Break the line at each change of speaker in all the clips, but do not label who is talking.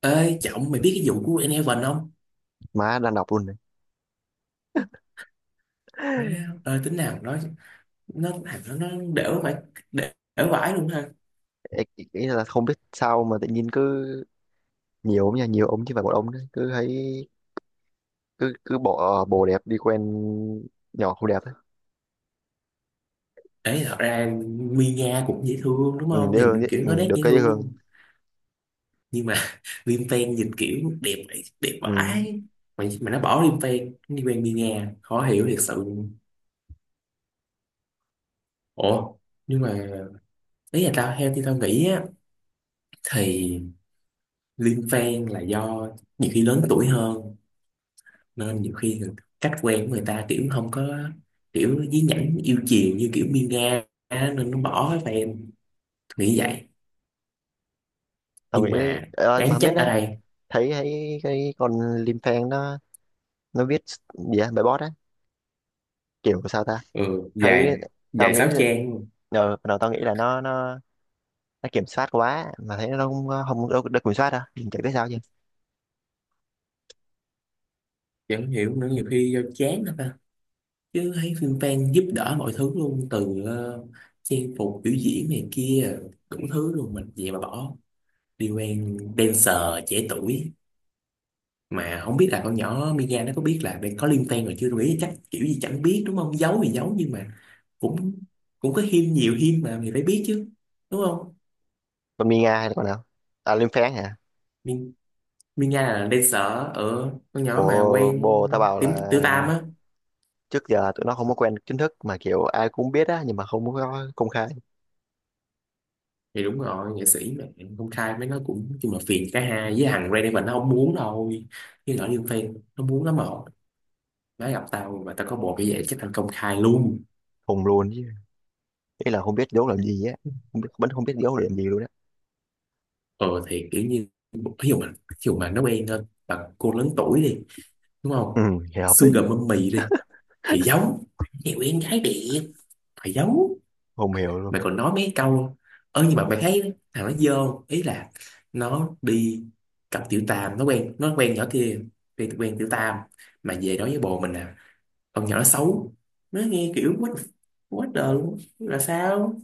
Ê trọng mày biết cái vụ của Enhaven không?
Má đang đọc luôn này.
Má ơi tính nào nó thằng nó đểu phải đểu vãi luôn ha.
Ê, ý ý là không biết sao mà tự nhiên cứ nhiều ông nha, nhiều ông chứ phải một ông đấy, cứ thấy cứ cứ bỏ bồ đẹp đi quen nhỏ không đẹp ấy.
Ấy thật ra, Mia cũng dễ thương đúng
Ừ,
không?
dễ thương dễ,
Nhìn kiểu
ừ,
nó đét
được
dễ
cái dễ thương.
thương nhưng mà Liêm Phen nhìn kiểu đẹp, đẹp
Ừ.
vãi. Mà nó bỏ Liêm Phen nó đi quen Mia, khó hiểu thiệt sự luôn. Ủa, nhưng mà ý là tao theo thì tao nghĩ á, thì Liêm Phen là do nhiều khi lớn tuổi hơn, nên nhiều khi cách quen của người ta kiểu không có kiểu dí nhảnh yêu chiều như kiểu Miên Nga á, nên nó bỏ hết tụi em nghĩ vậy.
Tao
Nhưng
nghĩ đấy.
mà
Ờ, mà
đáng
không biết
trách ở
đó.
đây,
Thấy thấy cái con Lim Phen nó viết gì á, bài bót á, kiểu sao ta.
ừ,
Thấy
dài
tao
dài
nghĩ
sáu
là,
trang luôn.
ờ, đầu tao nghĩ là nó nó kiểm soát quá mà thấy nó không không được, được kiểm soát đâu, mình chẳng biết sao chứ.
Chẳng hiểu nữa, nhiều khi do chán thôi ta, chứ thấy phim fan giúp đỡ mọi thứ luôn từ trang phục biểu diễn này kia, đủ thứ luôn, mình vậy mà bỏ đi quen dancer trẻ tuổi, mà không biết là con nhỏ Mia nó có biết là đây có liên quan rồi chưa, tôi nghĩ chắc kiểu gì chẳng biết đúng không, giấu thì giấu nhưng mà cũng cũng có hiên nhiều hiên mà mình phải biết chứ, đúng không?
Còn Mina hay là con nào, à Lim Phen hả?
Mi- Mia là dancer, ở con nhỏ mà
bồ
quen
bồ tao bảo
tím
là
Tiểu Tam á.
trước giờ tụi nó không có quen chính thức mà kiểu ai cũng biết á, nhưng mà không có công khai.
Thì đúng rồi, nghệ sĩ mà, công khai với nó cũng nhưng mà phiền cả hai, với thằng Ray Davies nó không muốn đâu, nhưng nhỏ Liên Fan nó muốn lắm mà, nó gặp tao mà tao có bộ như vậy chắc thành công khai luôn.
Hùng luôn chứ, ý là không biết giấu làm gì á, không biết vẫn không biết giấu làm gì luôn á.
Ờ thì kiểu như, ví dụ mà nó quen hơn bằng cô lớn tuổi đi, đúng
Ừ,
không?
thì hợp
Xương
lý.
đậm mâm mì đi, thầy giấu, nhiều em gái đẹp, thầy giấu,
Không hiểu luôn.
mày còn nói mấy câu, ơ nhưng mà mày thấy thằng nó dơ không? Ý là nó đi cặp tiểu tam, nó quen nhỏ kia, quen quen tiểu tam mà về nói với bồ mình là con nhỏ nó xấu, nó nghe kiểu quá đời luôn, là sao?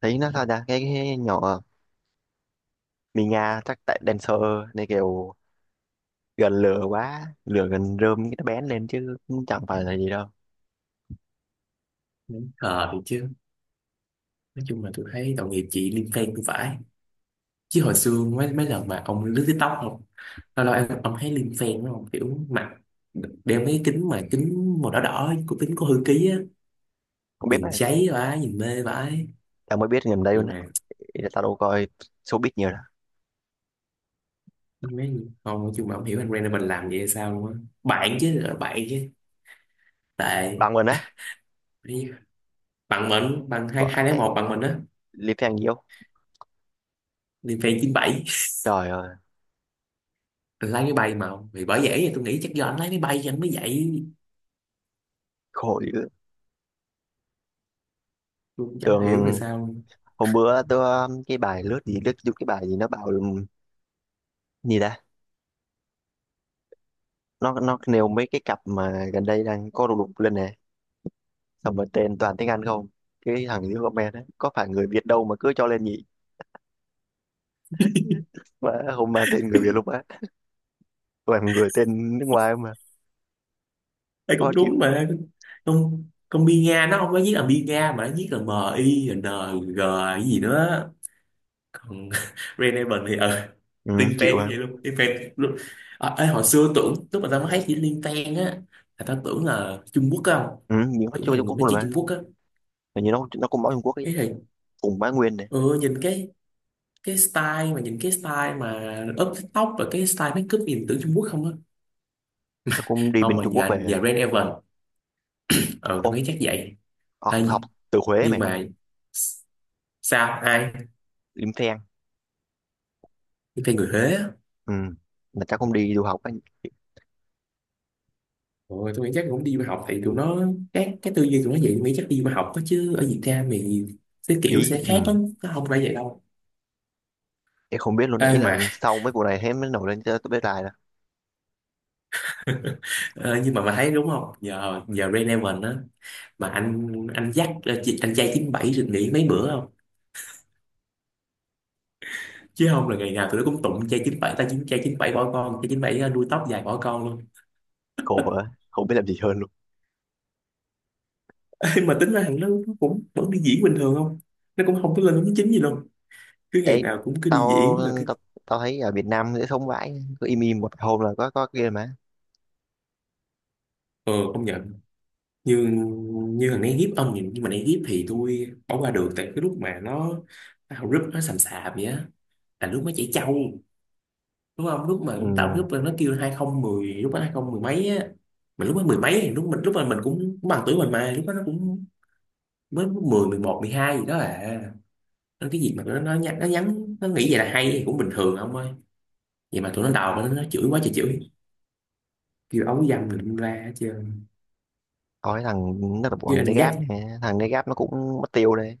Thấy nó sao ta, cái nhỏ Mì Nga chắc tại dancer này, kiểu gần lửa quá, lửa gần rơm cái nó bén lên chứ cũng chẳng phải là gì đâu.
Đúng thì chứ, nói chung là tôi thấy tội nghiệp chị Liên Quan cũng phải, chứ hồi xưa mấy mấy lần mà ông lướt TikTok không, lâu lâu em ông thấy Liên Phen đúng không, kiểu mặt đeo mấy kính mà kính màu đỏ đỏ của kính có hư ký á,
Không biết
nhìn
mà
cháy vãi, nhìn mê vãi,
tao mới biết gần đây luôn
nhưng
á,
mà
ý là tao đâu coi showbiz nhiều đâu.
mấy, không nói chung mà không hiểu anh Brandon mình làm vậy sao luôn á, bạn chứ, là bạn chứ, tệ
Bằng luôn á,
bằng mình, bằng
bỏ
hai, hai lấy
em
một bằng mình á.
Lý Phan nhiều.
Liên Phen chín bảy
Trời ơi,
anh lái máy bay, mà vì bởi vậy tôi nghĩ chắc do anh lái máy bay cho anh mới vậy,
khổ dữ.
tôi cũng chẳng
Tưởng
hiểu là sao.
hôm bữa tôi cái bài lướt gì, lướt vô cái bài gì nó bảo gì ta, nó nêu mấy cái cặp mà gần đây đang có đùng đùng lên nè, xong rồi tên toàn tiếng Anh không. Cái thằng dưới comment ấy, có phải người Việt đâu mà cứ cho lên nhỉ? Mà không, mà tên người Việt luôn á, toàn người tên nước ngoài mà.
Đây
Khó
cũng
chịu.
đúng mà, không con Bi Nga nó không có viết là Bi Nga mà nó viết là m i n g, cái gì nữa, còn Renevan thì Liên
Ừ, chịu
Fan cũng
à.
vậy luôn, Liên Fan luôn. Ê, hồi xưa tưởng lúc mà tao mới thấy chữ Liên Fan á, là tao tưởng là Trung Quốc á, không,
Ừ, nhưng nó
tưởng là
chưa
người
Trung Quốc
nói
luôn
chuyện
mà.
Trung Quốc á,
Mà như nó cũng bảo Trung Quốc ấy,
ý thì
cùng Bá Nguyên này.
ừ, nhìn cái style mà up TikTok và cái style makeup nhìn tưởng Trung Quốc không á.
Nó cũng đi
Không,
bên
mà
Trung Quốc
nhà
về.
nhà Renevan, ờ tao
Ô,
nghĩ chắc vậy. à,
học học từ Huế
nhưng
mày.
mà sao ai,
Liêm Phen.
cái tên người Huế á.
Ừ, mà chắc cũng đi du học á.
Rồi tôi nghĩ chắc cũng đi du học thì tụi nó, cái tư duy tụi nó vậy, tôi nghĩ chắc đi du học đó, chứ ở Việt Nam thì cái kiểu
Phí.
sẽ khác
Ừ.
lắm, nó không phải vậy đâu.
Em không biết luôn
Ê
đấy, ý là
mà
sau mấy vụ này hết mới nổi lên cho tôi biết lại là.
ờ, nhưng mà thấy đúng không, nhờ nhờ Rain á, mà anh dắt anh trai 97 được nghỉ mấy bữa không, chứ không là ngày nào tụi nó cũng tụng trai chín bảy, ta chín trai chín bảy bỏ con trai chín bảy, nuôi tóc dài bỏ con luôn.
Khổ quá, không biết làm gì hơn luôn.
Ê, mà tính ra nó cũng vẫn đi diễn bình thường không, nó cũng không có lên đến chính gì luôn, cứ ngày
Đấy
nào cũng cứ đi
tao
diễn là cứ,
tao, tao thấy ở Việt Nam dễ sống vãi, cứ im im một hôm là có kia mà.
ờ không nhờ, như như thằng này hiếp ông nhìn nhưng mà này hiếp thì tôi bỏ qua được, tại cái lúc mà nó tạo group nó sầm sạp vậy á, là lúc nó chảy trâu đúng không, lúc mà nó tạo
Ừ.
group là nó kêu hai không mười, lúc đó hai không mười mấy á, mà lúc đó mười mấy thì lúc mình lúc mà mình cũng cũng bằng tuổi mình, mà lúc đó nó cũng mới mười, mười một, mười hai gì đó à, nên cái gì mà nó nhắn, nó nhắn nó nghĩ vậy là hay thì cũng bình thường ông ơi, vậy mà tụi nó đào nó chửi quá trời chửi, kêu ấu dâm mình ra hết trơn.
Tao thấy thằng nó là bộ
Chứ
thằng
anh dắt
Degas nè, thằng Degas nó cũng mất tiêu đây.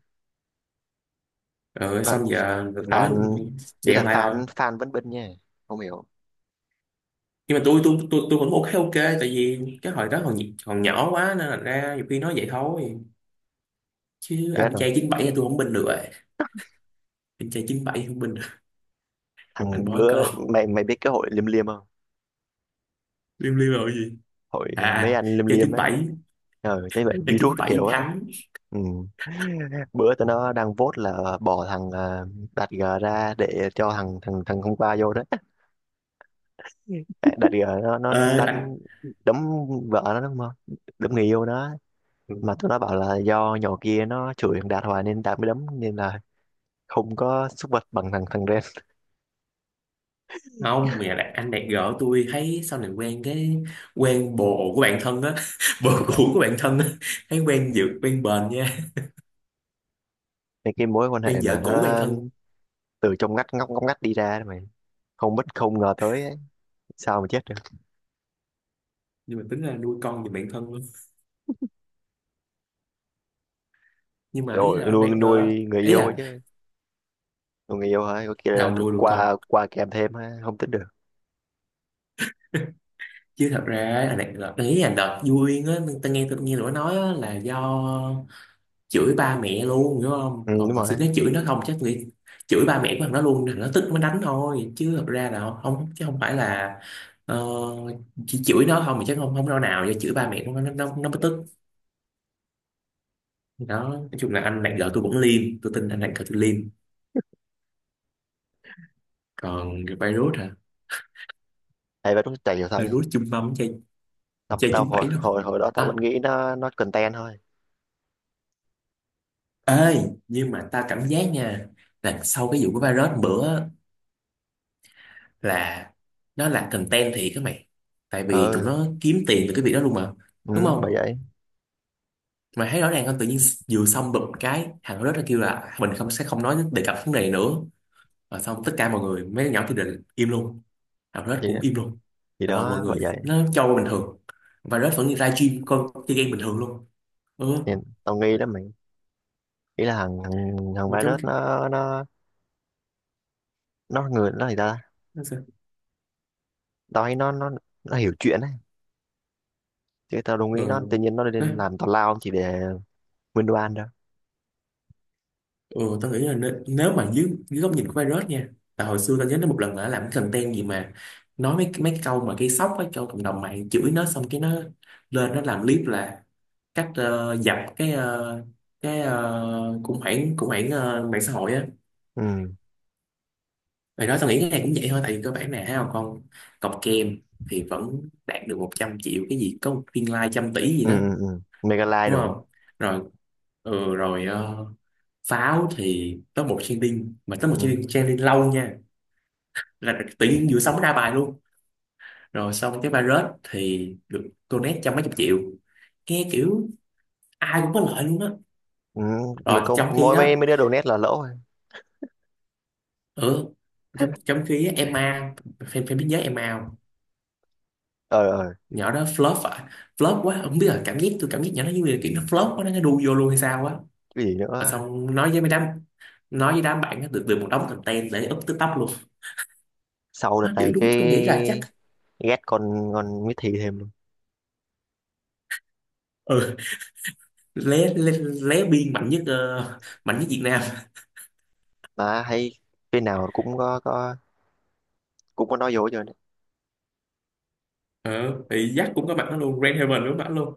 ờ
Và
xong giờ nổi
fan, đấy là
chẹo lại rồi,
fan, fan vẫn bên nha. Không hiểu.
nhưng mà tôi cũng ok ok, tại vì cái hồi đó còn còn nhỏ quá, nên là ra nhiều khi nói vậy thôi, chứ
Chết
anh
rồi.
trai 97 thì tôi không binh được rồi, anh trai chín bảy không binh được. Anh
Thằng
bỏ
bữa
con,
mày mày biết cái hội liêm liêm không?
liêu liêu rồi gì,
Hội ờ, mấy
à
anh liêm
trai
liêm á.
97
Ờ thế vậy
trai
virus
chín
nó
bảy
kiểu á.
thắng,
Ừ. Bữa tụi nó đang vote là bỏ thằng, à, Đạt G ra để cho thằng thằng thằng hôm qua vô đó. À, Đạt G nó
ờ anh
đánh đấm vợ nó đúng không? Đấm người yêu nó. Mà tụi nó bảo là do nhỏ kia nó chửi thằng Đạt hoài nên Đạt mới đấm, nên là không có xúc vật bằng thằng thằng Ren.
không mẹ là anh đẹp gỡ, tôi thấy sau này quen bồ của bạn thân á bồ cũ của bạn thân á, thấy quen dược quen bền nha,
Nên cái mối quan
quen
hệ mà
vợ cũ bạn
nó
thân,
từ trong ngách, ngóc ngóc ngách đi ra mà. Không biết không ngờ tới ấy. Sao mà chết được.
nhưng mà tính là nuôi con giùm bạn thân luôn, nhưng mà ý
Rồi
là anh
nuôi
đẹp gỡ,
nuôi người
ý
yêu ấy
là
chứ. Còn người yêu hả? Có kia là
nào
được
nuôi được
qua,
con
qua kèm thêm ha, không tính được.
chứ. Thật ra á, là đợt đấy là đợt vui á, tôi nghe tụi nó nói á, là do chửi ba mẹ luôn hiểu không,
Ừ, đúng
còn hồi
rồi.
xưa nó chửi nó không chắc nghĩ chửi ba mẹ của thằng nó luôn, thằng nó tức mới đánh thôi, chứ thật ra là không, chứ không phải là ờ, chỉ chửi nó không thì chắc không không đâu, nào do chửi ba mẹ của nó mới tức. Đó, nói chung là anh bạn vợ tôi cũng liêm, tôi tin anh bạn vợ tôi liêm, còn cái virus hả,
Hay vậy đúng chạy hiểu sao nha.
virus chung mâm chơi,
Tao, tao
chín
hồi,
bảy thôi,
hồi hồi đó tao
à
vẫn nghĩ nó content thôi.
ê, nhưng mà ta cảm giác nha, là sau cái vụ của virus bữa, là nó là content thiệt các mày, tại vì tụi
Ừ,
nó kiếm tiền từ cái việc đó luôn mà,
ừ,
đúng
bởi
không?
vậy.
Mày thấy rõ ràng không, tự nhiên vừa xong bụp cái thằng đó nó kêu là mình không, sẽ không nói đề cập vấn đề này nữa, và xong tất cả mọi người mấy đứa nhỏ thì định im luôn, thằng Red
Thì
cũng im luôn,
thì
là mọi mọi
đó bởi
người
vậy.
nó cho qua bình thường, và Red vẫn ra gym con chơi game bình thường luôn, ừ,
Thì tao nghi lắm mày. Nghĩ là thằng thằng thằng
mà trong
virus nó người nó thì ta.
nó sao,
Tao thấy nó nó hiểu chuyện ấy. Chứ tao đâu nghĩ nó
ừ.
tự nhiên nó lên làm tào lao chỉ để win đồ ăn đâu.
Ừ, tao nghĩ là nếu mà dưới góc nhìn của virus nha, tại hồi xưa tao nhớ nó một lần là nó làm cái content gì mà nói mấy mấy cái câu mà gây sốc á cho cộng đồng mạng chửi nó, xong cái nó lên nó làm clip là cách dập cái khủng hoảng mạng xã hội á.
Ừ.
Rồi đó tao nghĩ cái này cũng vậy thôi, tại vì cơ bản nè, thấy không, con cọc kem thì vẫn đạt được 100 triệu cái gì, có một viên like trăm tỷ gì
Ừ
đó,
ừ ừ. Mega like
đúng
đồ á.
không, rồi ừ, rồi pháo thì top một trending,
Ừ.
trending lâu nha, là tự nhiên vừa sống ra bài luôn, rồi xong cái virus thì được donate trăm mấy chục triệu, nghe kiểu ai cũng có lợi luôn á,
Ừ. Một
rồi
câu
trong khi
mỗi
đó,
mấy mấy đứa đồ nét là lỗ rồi.
ừ, trong trong khi á, Emma fan fan biết nhớ Emma không?
Ờ ờ,
Nhỏ đó flop à, flop quá không biết là cảm giác tôi, cảm giác nhỏ nó như là kiểu nó flop quá nó đu vô luôn hay sao á,
cái gì nữa,
và xong nói với mấy đám, nói với đám bạn nó được được một đống content để up TikTok luôn.
sau đợt
Má, điều
này
đúng tôi nghĩ là
cái
chắc,
ghét con Miss Thi thêm luôn.
ừ, lé lé, lé biên mạnh nhất, mạnh nhất Việt Nam,
Mà thấy cái nào cũng có, cũng có nói vô rồi.
ờ thì Jack cũng có mặt nó luôn, Grand Haven cũng có mặt luôn,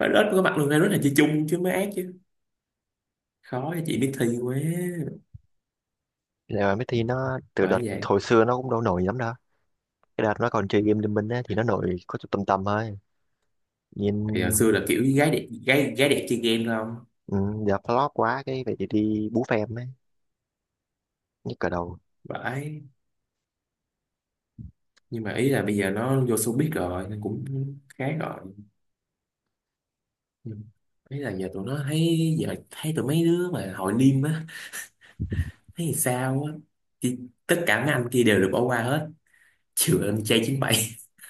Violet cũng có mặt luôn, Violet là chị chung chứ mới ác chứ, khó cho chị biết thi quá,
Là Miss Thi nó từ đợt
bởi vậy,
hồi xưa nó cũng đâu nổi lắm đâu, cái đợt nó còn chơi game Liên Minh á thì nó nổi có chút tầm tầm thôi. Nhìn
thì hồi xưa là kiểu gái đẹp, gái gái đẹp chơi game thôi không
ừ, giờ flop quá cái vậy thì đi bú phèm ấy. Nhức cả đầu.
phải, nhưng mà ý là bây giờ nó vô showbiz rồi nên cũng khá rồi. Nhưng ý là giờ tụi nó thấy, giờ thấy tụi mấy đứa mà hội liêm á, thấy thì sao á, thì tất cả mấy anh kia đều được bỏ qua hết, trừ anh trai 97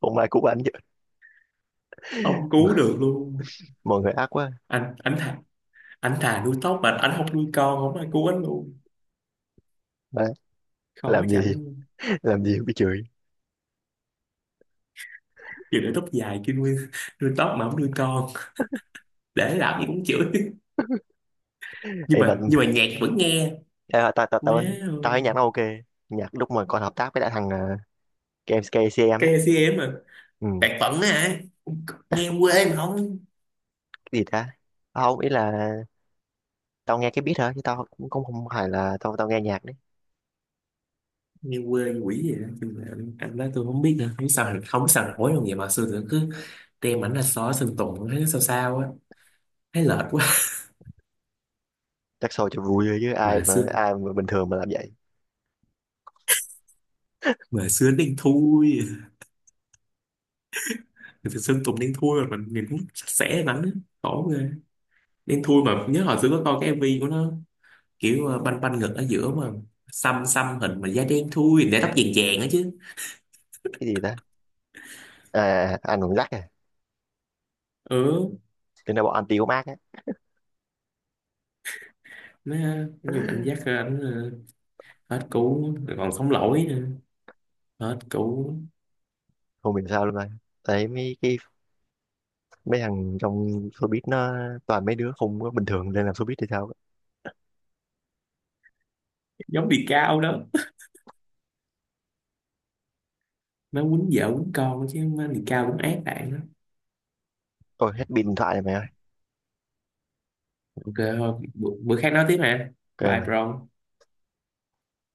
Hôm nay cũng ăn chứ
không cứu được luôn,
mọi người ác quá.
anh thà, anh thà nuôi tóc mà anh không nuôi con, không ai cứu anh luôn,
Má,
khó
làm
chẳng,
gì làm gì cũng bị chửi.
vừa để tóc dài kia nuôi nuôi tóc mà không nuôi con để làm gì cũng chửi, nhưng
Em
mà
mình,
nhạc vẫn nghe,
à, tao tao
má
tao tao thấy
ơi.
nhạc nó ok. Nhạc lúc mà còn hợp tác với lại thằng à, KMSK em xê em á.
KCM à,
Ừ,
bạc phận á hả, nghe quê mà không,
gì ta. Tao không, ý là tao nghe cái beat hả, chứ tao cũng cũng không phải là tao tao nghe nhạc đấy.
nghe quê như quỷ vậy đó, nhưng mà anh đó tôi không biết nữa, không biết sao nổi luôn vậy, mà xưa tôi cứ đem ảnh ra xó Sơn Tùng thấy nó sao sao á, thấy lệch quá,
Chắc show cho vui thôi chứ
mà xưa
ai mà bình thường mà làm vậy.
mà xưa đen thui, thì Sơn Tùng đen thui mà mình nhìn cũng sạch sẽ lắm á, khổ ghê, đen thui mà nhớ hồi xưa có coi cái MV của nó kiểu banh banh ngực ở giữa mà xăm xăm hình mà da đen thui để tóc vàng vàng á chứ,
Cái gì ta, à anh còn rắc à.
ừ
Tính ra bọn anti của Mark á,
nó dùng anh dắt ra anh, hết cũ rồi còn sống lỗi nữa, hết cũ,
không hiểu sao luôn rồi. Thấy mấy cái mấy thằng trong showbiz nó toàn mấy đứa không có bình thường lên làm showbiz thì sao á.
giống bị cao đó, nó quýnh vợ quýnh con chứ nó bị cao cũng ác bạn đó,
Ôi hết pin điện thoại này mày ơi.
ok thôi bữa khác nói tiếp nè,
Kệ
bye
mày.
bro.